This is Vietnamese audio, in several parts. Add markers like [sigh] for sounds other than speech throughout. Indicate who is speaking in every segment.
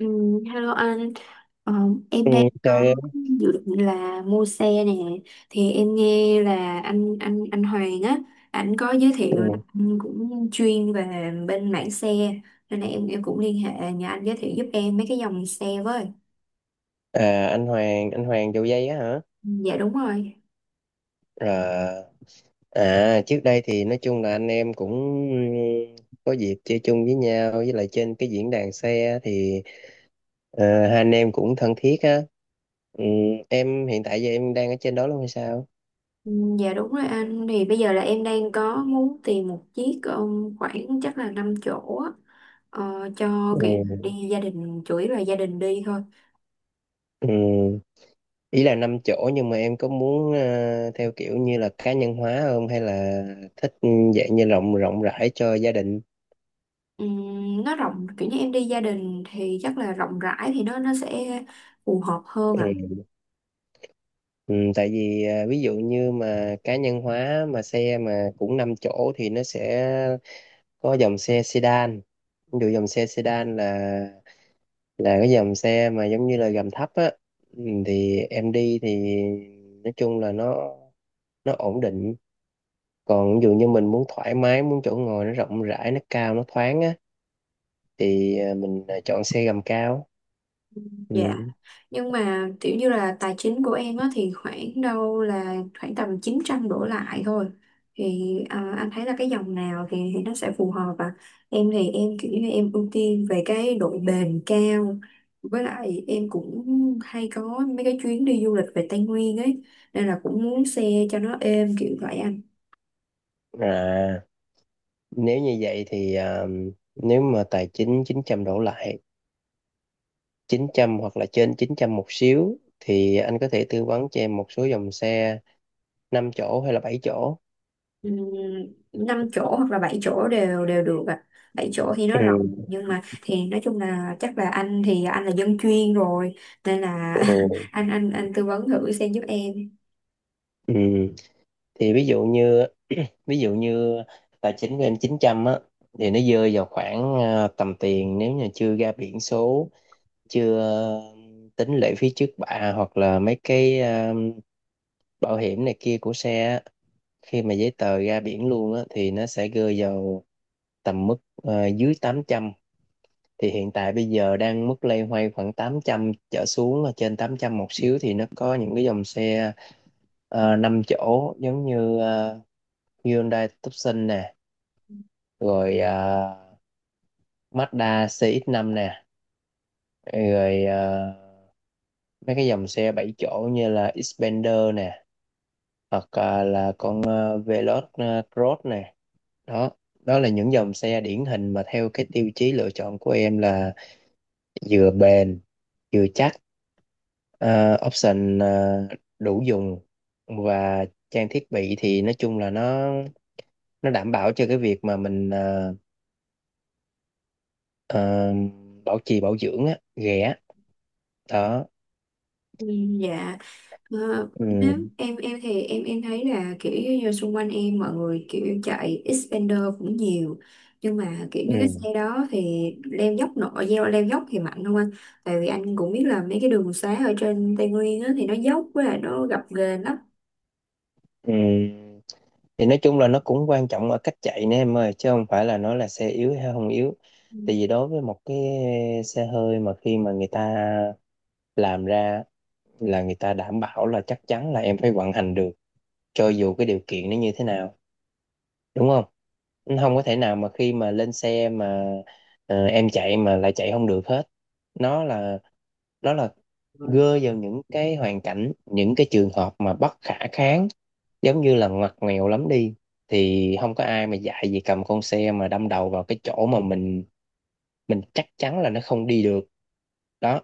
Speaker 1: Ừ, hello anh. Ờ, em
Speaker 2: Ừ,
Speaker 1: đang có
Speaker 2: chơi em.
Speaker 1: dự định là mua xe nè. Thì em nghe là anh Hoàng á, anh có giới thiệu là
Speaker 2: Ừ.
Speaker 1: anh cũng chuyên về bên mảng xe, nên là em cũng liên hệ nhờ anh giới thiệu giúp em mấy cái dòng xe với.
Speaker 2: À, anh Hoàng vô dây á hả?
Speaker 1: Ừ, dạ đúng rồi.
Speaker 2: Rồi. Trước đây thì nói chung là anh em cũng ừ, có dịp chơi chung với nhau, với lại trên cái diễn đàn xe thì hai anh em cũng thân thiết á. ừ, em hiện tại giờ em đang ở trên đó luôn hay sao?
Speaker 1: Ừ, dạ đúng rồi anh. Thì bây giờ là em đang có muốn tìm một chiếc khoảng chắc là 5 chỗ á, cho
Speaker 2: ừ.
Speaker 1: kiểu đi gia đình, chủ yếu là gia đình đi thôi.
Speaker 2: Ừ. Ý là năm chỗ nhưng mà em có muốn theo kiểu như là cá nhân hóa không, hay là thích dạng như rộng rộng rãi cho gia đình?
Speaker 1: Nó rộng kiểu như em đi gia đình thì chắc là rộng rãi thì nó sẽ phù hợp hơn ạ.
Speaker 2: ừ. Ừ, tại vì ví dụ như mà cá nhân hóa mà xe mà cũng 5 chỗ thì nó sẽ có dòng xe sedan. Ví dụ dòng xe sedan là cái dòng xe mà giống như là gầm thấp á. Ừ, thì em đi thì nói chung là nó ổn định. Còn ví dụ như mình muốn thoải mái, muốn chỗ ngồi nó rộng rãi, nó cao, nó thoáng á thì mình chọn xe gầm cao. Ừ.
Speaker 1: Dạ. Nhưng mà kiểu như là tài chính của em á thì khoảng đâu là khoảng tầm 900 đổ lại thôi, thì anh thấy là cái dòng nào thì nó sẽ phù hợp ạ. Em thì em kiểu như em ưu tiên về cái độ bền cao, với lại em cũng hay có mấy cái chuyến đi du lịch về Tây Nguyên ấy, nên là cũng muốn xe cho nó êm kiểu vậy anh.
Speaker 2: À, nếu như vậy thì nếu mà tài chính 900 đổ lại, 900 hoặc là trên 900 một xíu, thì anh có thể tư vấn cho em một số dòng xe 5 chỗ hay là bảy chỗ.
Speaker 1: Ừm, 5 chỗ hoặc là 7 chỗ đều đều được ạ. Bảy chỗ thì nó
Speaker 2: Ừ.
Speaker 1: rộng, nhưng mà thì nói chung là chắc là anh thì anh là dân chuyên rồi nên là
Speaker 2: Ừ.
Speaker 1: [laughs] anh tư vấn thử xem giúp em.
Speaker 2: Ừ. Thì ví dụ như tài chính của em 900 á thì nó rơi vào khoảng tầm tiền, nếu như chưa ra biển số, chưa tính lệ phí trước bạ hoặc là mấy cái bảo hiểm này kia của xe á. Khi mà giấy tờ ra biển luôn á thì nó sẽ rơi vào tầm mức dưới tám trăm. Thì hiện tại bây giờ đang mức loay hoay khoảng 800 trở xuống, ở trên 800 một xíu, thì nó có những cái dòng xe 5 chỗ giống như Hyundai Tucson nè, rồi Mazda cx năm nè, rồi mấy cái dòng xe 7 chỗ như là Xpander nè, hoặc là con Veloz Cross nè. Đó, đó là những dòng xe điển hình mà theo cái tiêu chí lựa chọn của em là vừa bền chưa chắc, Ờ, option đủ dùng, và trang thiết bị thì nói chung là nó đảm bảo cho cái việc mà mình ờ, bảo trì bảo dưỡng á ghẻ. Đó.
Speaker 1: Dạ. Ờ, Nếu
Speaker 2: ừ,
Speaker 1: em thì em thấy là kiểu như xung quanh em mọi người kiểu chạy Xpander cũng nhiều, nhưng mà kiểu như cái
Speaker 2: ừ,
Speaker 1: xe đó thì leo dốc nổi, leo leo dốc thì mạnh không anh? Tại vì anh cũng biết là mấy cái đường xá ở trên Tây Nguyên á, thì nó dốc với lại nó gập ghềnh lắm.
Speaker 2: ừ. Thì nói chung là nó cũng quan trọng ở cách chạy nè em ơi, chứ không phải là nó là xe yếu hay không yếu. Tại vì đối với một cái xe hơi, mà khi mà người ta làm ra là người ta đảm bảo là chắc chắn là em phải vận hành được cho dù cái điều kiện nó như thế nào, đúng không? Không có thể nào mà khi mà lên xe mà em chạy mà lại chạy không được hết. Nó là nó là gơ vào những cái hoàn cảnh, những cái trường hợp mà bất khả kháng, giống như là ngoặt nghèo lắm đi, thì không có ai mà dạy gì cầm con xe mà đâm đầu vào cái chỗ mà mình chắc chắn là nó không đi được. Đó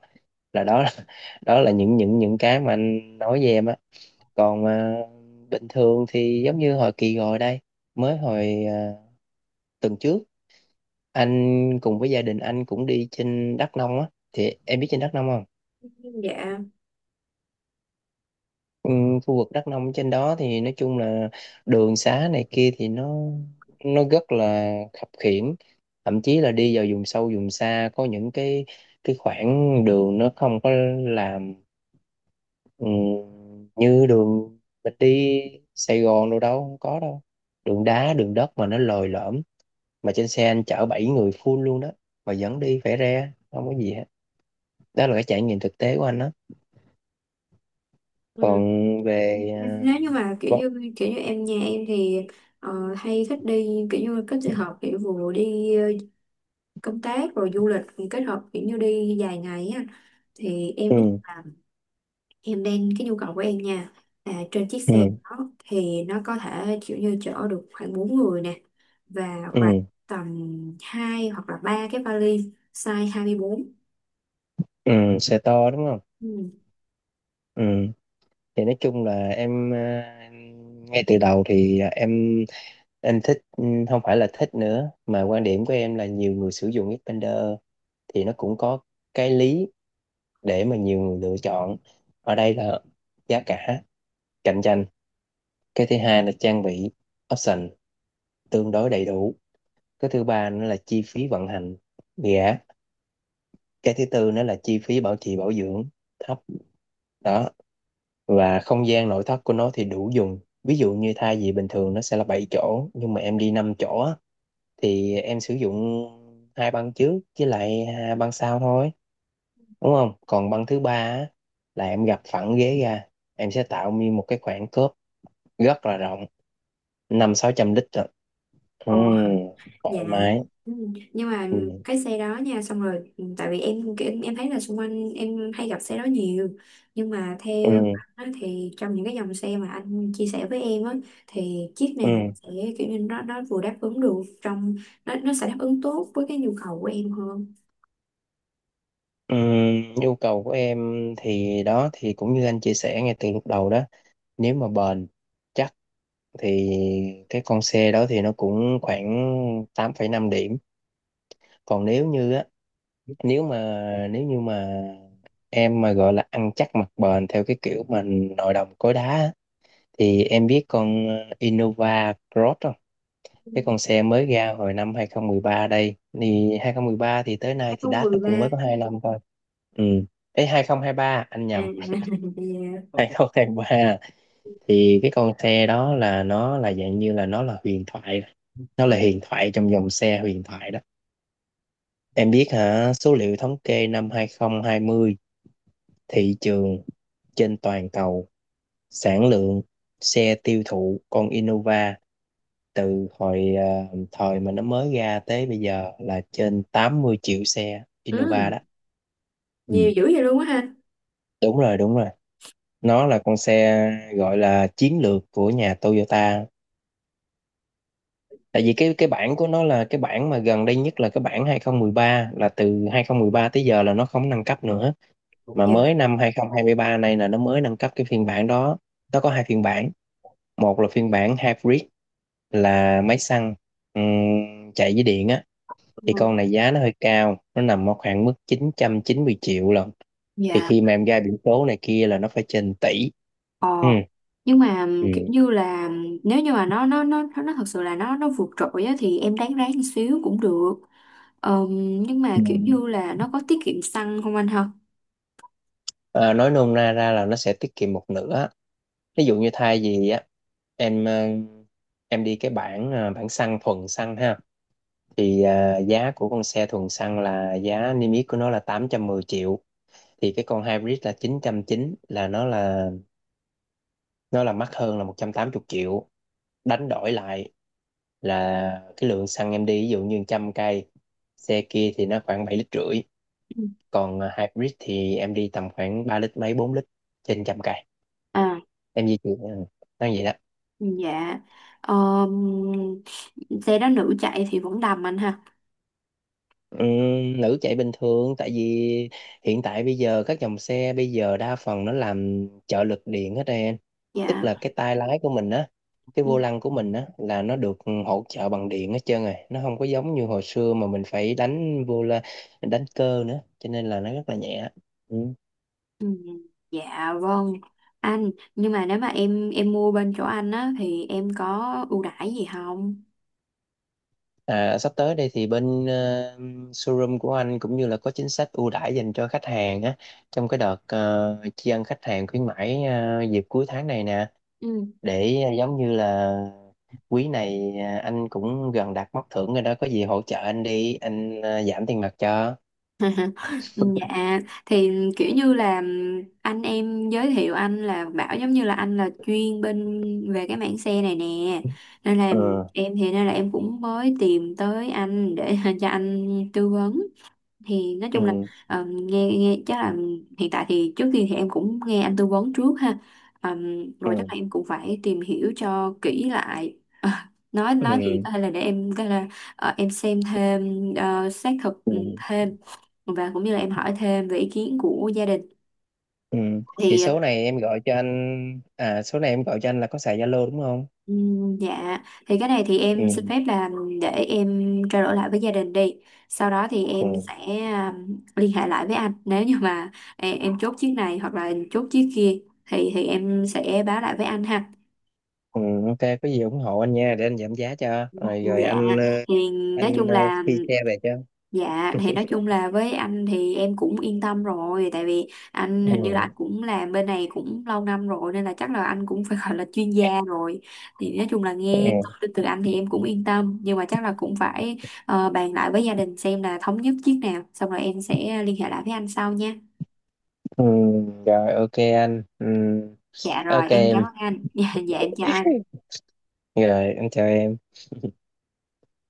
Speaker 2: là [laughs] đó là những cái mà anh nói với em á. Còn bình thường thì giống như hồi kỳ rồi đây, mới hồi tuần trước, anh cùng với gia đình anh cũng đi trên Đắk Nông á, thì em biết trên Đắk Nông không?
Speaker 1: Dạ,
Speaker 2: ừ, Khu vực Đắk Nông trên đó thì nói chung là đường xá này kia thì nó rất là khập khiễng. Thậm chí là đi vào vùng sâu vùng xa có những cái khoảng đường nó không có làm, ừ, như đường mình đi Sài Gòn đâu, đâu không có đâu, đường đá đường đất mà nó lồi lõm, mà trên xe anh chở bảy người full luôn đó, mà vẫn đi phải re không có gì hết. Đó là cái trải nghiệm thực tế của anh đó.
Speaker 1: ừ.
Speaker 2: Còn về
Speaker 1: Nếu như mà kiểu
Speaker 2: vấn-
Speaker 1: như kiểu như nhà em thì hay thích đi kiểu như kết hợp kiểu vừa đi công tác rồi du lịch thì kết hợp kiểu như đi dài ngày á, thì em biết
Speaker 2: ừ,
Speaker 1: là em đang cái nhu cầu của em nha, là trên chiếc xe
Speaker 2: ừ,
Speaker 1: đó thì nó có thể kiểu như chở được khoảng 4 người nè, và khoảng
Speaker 2: ừ,
Speaker 1: tầm 2 hoặc là 3 cái vali size 24.
Speaker 2: ừ, xe to đúng không? Ừ. Thì nói chung là em ngay từ đầu thì em thích không phải là thích nữa, mà quan điểm của em là nhiều người sử dụng Xpander thì nó cũng có cái lý để mà nhiều người lựa chọn. Ở đây là giá cả cạnh tranh, cái thứ hai là trang bị option tương đối đầy đủ, cái thứ ba nữa là chi phí vận hành gã, cái thứ tư nữa là chi phí bảo trì bảo dưỡng thấp. Đó. Và không gian nội thất của nó thì đủ dùng. Ví dụ như thay vì bình thường nó sẽ là 7 chỗ, nhưng mà em đi 5 chỗ á, thì em sử dụng hai băng trước với lại hai băng sau thôi, đúng không? Còn băng thứ ba á, là em gập phẳng ghế ra, em sẽ tạo như một cái khoảng khớp rất là rộng, năm sáu trăm lít rồi. ừ,
Speaker 1: Ừ, dạ,
Speaker 2: Thoải mái.
Speaker 1: ừ. Nhưng mà
Speaker 2: ừ,
Speaker 1: cái xe đó nha, xong rồi ừ, tại vì em thấy là xung quanh em hay gặp xe đó nhiều, nhưng mà
Speaker 2: ừ,
Speaker 1: theo anh á, thì trong những cái dòng xe mà anh chia sẻ với em á thì chiếc nào
Speaker 2: ừ.
Speaker 1: sẽ kiểu như nó vừa đáp ứng được trong nó sẽ đáp ứng tốt với cái nhu cầu của em hơn.
Speaker 2: Nhu cầu của em thì đó, thì cũng như anh chia sẻ ngay từ lúc đầu đó, nếu mà bền chắc thì cái con xe đó thì nó cũng khoảng tám phẩy năm điểm. Còn nếu như á, nếu mà nếu như mà em mà gọi là ăn chắc mặc bền theo cái kiểu mà nội đồng cối đá á, thì em biết con Innova Cross không?
Speaker 1: Ừ,
Speaker 2: Cái con xe mới ra hồi năm 2013 đây thì 2013 thì tới nay thì đát nó cũng
Speaker 1: 2013
Speaker 2: mới có 2 năm thôi. Ừ. Ê, ba anh
Speaker 1: à.
Speaker 2: nhầm,
Speaker 1: [laughs] Dạ,
Speaker 2: hai không tháng ba. Thì cái con xe đó là nó là dạng như là nó là huyền thoại, nó là huyền thoại trong dòng xe huyền thoại đó. Em biết hả? Số liệu thống kê năm 2020, thị trường trên toàn cầu, sản lượng xe tiêu thụ con Innova từ hồi thời mà nó mới ra tới bây giờ là trên 80 triệu xe Innova
Speaker 1: ừ,
Speaker 2: đó.
Speaker 1: nhiều
Speaker 2: Ừ.
Speaker 1: dữ vậy luôn á ha.
Speaker 2: Đúng rồi, đúng rồi, nó là con xe gọi là chiến lược của nhà Toyota. Tại vì cái bản của nó, là cái bản mà gần đây nhất là cái bản hai không một ba, là từ 2013 tới giờ là nó không nâng cấp nữa, mà
Speaker 1: Dạ,
Speaker 2: mới năm 2023 này là nó mới nâng cấp cái phiên bản đó. Nó có hai phiên bản, một là phiên bản hybrid, là máy xăng chạy với điện á. Thì
Speaker 1: ừ.
Speaker 2: con này giá nó hơi cao, nó nằm ở khoảng mức chín chín trăm chín mươi triệu lận. Thì
Speaker 1: Dạ.
Speaker 2: khi mà em ra biển số này kia là nó phải trên tỷ.
Speaker 1: Ờ,
Speaker 2: Ừ.
Speaker 1: nhưng mà kiểu
Speaker 2: Ừ.
Speaker 1: như là nếu như mà nó thật sự là nó vượt trội á, thì em đáng ráng một xíu cũng được. Ờm, nhưng mà
Speaker 2: Ừ.
Speaker 1: kiểu như là nó có tiết kiệm xăng không anh ha?
Speaker 2: À, nói nôm na ra là nó sẽ tiết kiệm một nửa. Ví dụ như thay vì á, em ờ, em đi cái bản bản xăng, thuần xăng ha, thì giá của con xe thuần xăng là giá niêm yết của nó là 810 triệu, thì cái con hybrid là chín trăm chín, là nó là mắc hơn là 180 triệu. Đánh đổi lại là cái lượng xăng em đi, ví dụ như 100 cây, xe kia thì nó khoảng 7 lít rưỡi,
Speaker 1: Ừ.
Speaker 2: còn hybrid thì em đi tầm khoảng 3 lít mấy, 4 lít trên 100 cây
Speaker 1: À,
Speaker 2: em di chuyển. Ờ, nó vậy đó.
Speaker 1: dạ. Ờm, Xe đó nữ chạy thì vẫn đầm anh ha.
Speaker 2: Nữ chạy bình thường, tại vì hiện tại bây giờ các dòng xe bây giờ đa phần nó làm trợ lực điện hết em. Tức
Speaker 1: Dạ.
Speaker 2: là cái tay lái của mình á, cái
Speaker 1: Ừ,
Speaker 2: vô lăng của mình á, là nó được hỗ trợ bằng điện hết trơn rồi, nó không có giống như hồi xưa mà mình phải đánh vô la, đánh cơ nữa, cho nên là nó rất là nhẹ. Ừ.
Speaker 1: ừ, dạ vâng. Anh, nhưng mà nếu mà em mua bên chỗ anh á thì em có ưu đãi gì không?
Speaker 2: À, sắp tới đây thì bên showroom của anh cũng như là có chính sách ưu đãi dành cho khách hàng á, trong cái đợt tri ân khách hàng khuyến mãi dịp cuối tháng này nè, để giống như là quý này, anh cũng gần đạt mốc thưởng rồi đó, có gì hỗ trợ anh đi anh, giảm tiền mặt cho.
Speaker 1: [laughs] Dạ. Thì kiểu như là anh em giới thiệu anh là bảo giống như là anh là chuyên bên về cái mảng xe này nè, nên là
Speaker 2: ừ
Speaker 1: em, thì nên là em cũng mới tìm tới anh để [laughs] cho anh tư vấn. Thì nói
Speaker 2: ừ
Speaker 1: chung là nghe nghe chắc là hiện tại thì trước tiên thì em cũng nghe anh tư vấn trước ha. Ờ, Rồi chắc
Speaker 2: ừ
Speaker 1: là em cũng phải tìm hiểu cho kỹ lại. Ờ, nói gì
Speaker 2: ừ
Speaker 1: có thể là để em có thể là em xem thêm xác thực
Speaker 2: ừ
Speaker 1: thêm, và cũng như là em hỏi thêm về ý kiến của gia đình
Speaker 2: ừ thì
Speaker 1: thì
Speaker 2: số này em gọi cho anh là có xài Zalo đúng không?
Speaker 1: dạ thì cái này thì em xin
Speaker 2: ừ
Speaker 1: phép là để em trao đổi lại với gia đình đi, sau đó thì em
Speaker 2: ừ
Speaker 1: sẽ liên hệ lại với anh. Nếu như mà em chốt chiếc này hoặc là chốt chiếc kia thì em sẽ báo lại với anh ha.
Speaker 2: ừ ok, có gì ủng hộ anh nha, để anh giảm giá cho, rồi rồi
Speaker 1: Dạ thì nói
Speaker 2: anh
Speaker 1: chung
Speaker 2: ờ,
Speaker 1: là
Speaker 2: phi xe về cho.
Speaker 1: dạ thì nói chung là với anh thì em cũng yên tâm rồi, tại vì anh hình như là anh
Speaker 2: ừ
Speaker 1: cũng làm bên này cũng lâu năm rồi, nên là chắc là anh cũng phải [laughs] gọi là chuyên gia rồi. Thì nói chung là nghe thông
Speaker 2: ừ
Speaker 1: tin từ anh thì em cũng yên tâm, nhưng mà chắc là cũng phải bàn lại với gia đình xem là thống nhất chiếc nào xong rồi em sẽ liên hệ lại với anh sau nha.
Speaker 2: ừ Rồi, ok anh. Ừ.
Speaker 1: Dạ rồi
Speaker 2: Ok
Speaker 1: em cảm
Speaker 2: em,
Speaker 1: ơn anh. [laughs] Dạ, dạ em chào anh.
Speaker 2: rồi anh chào em.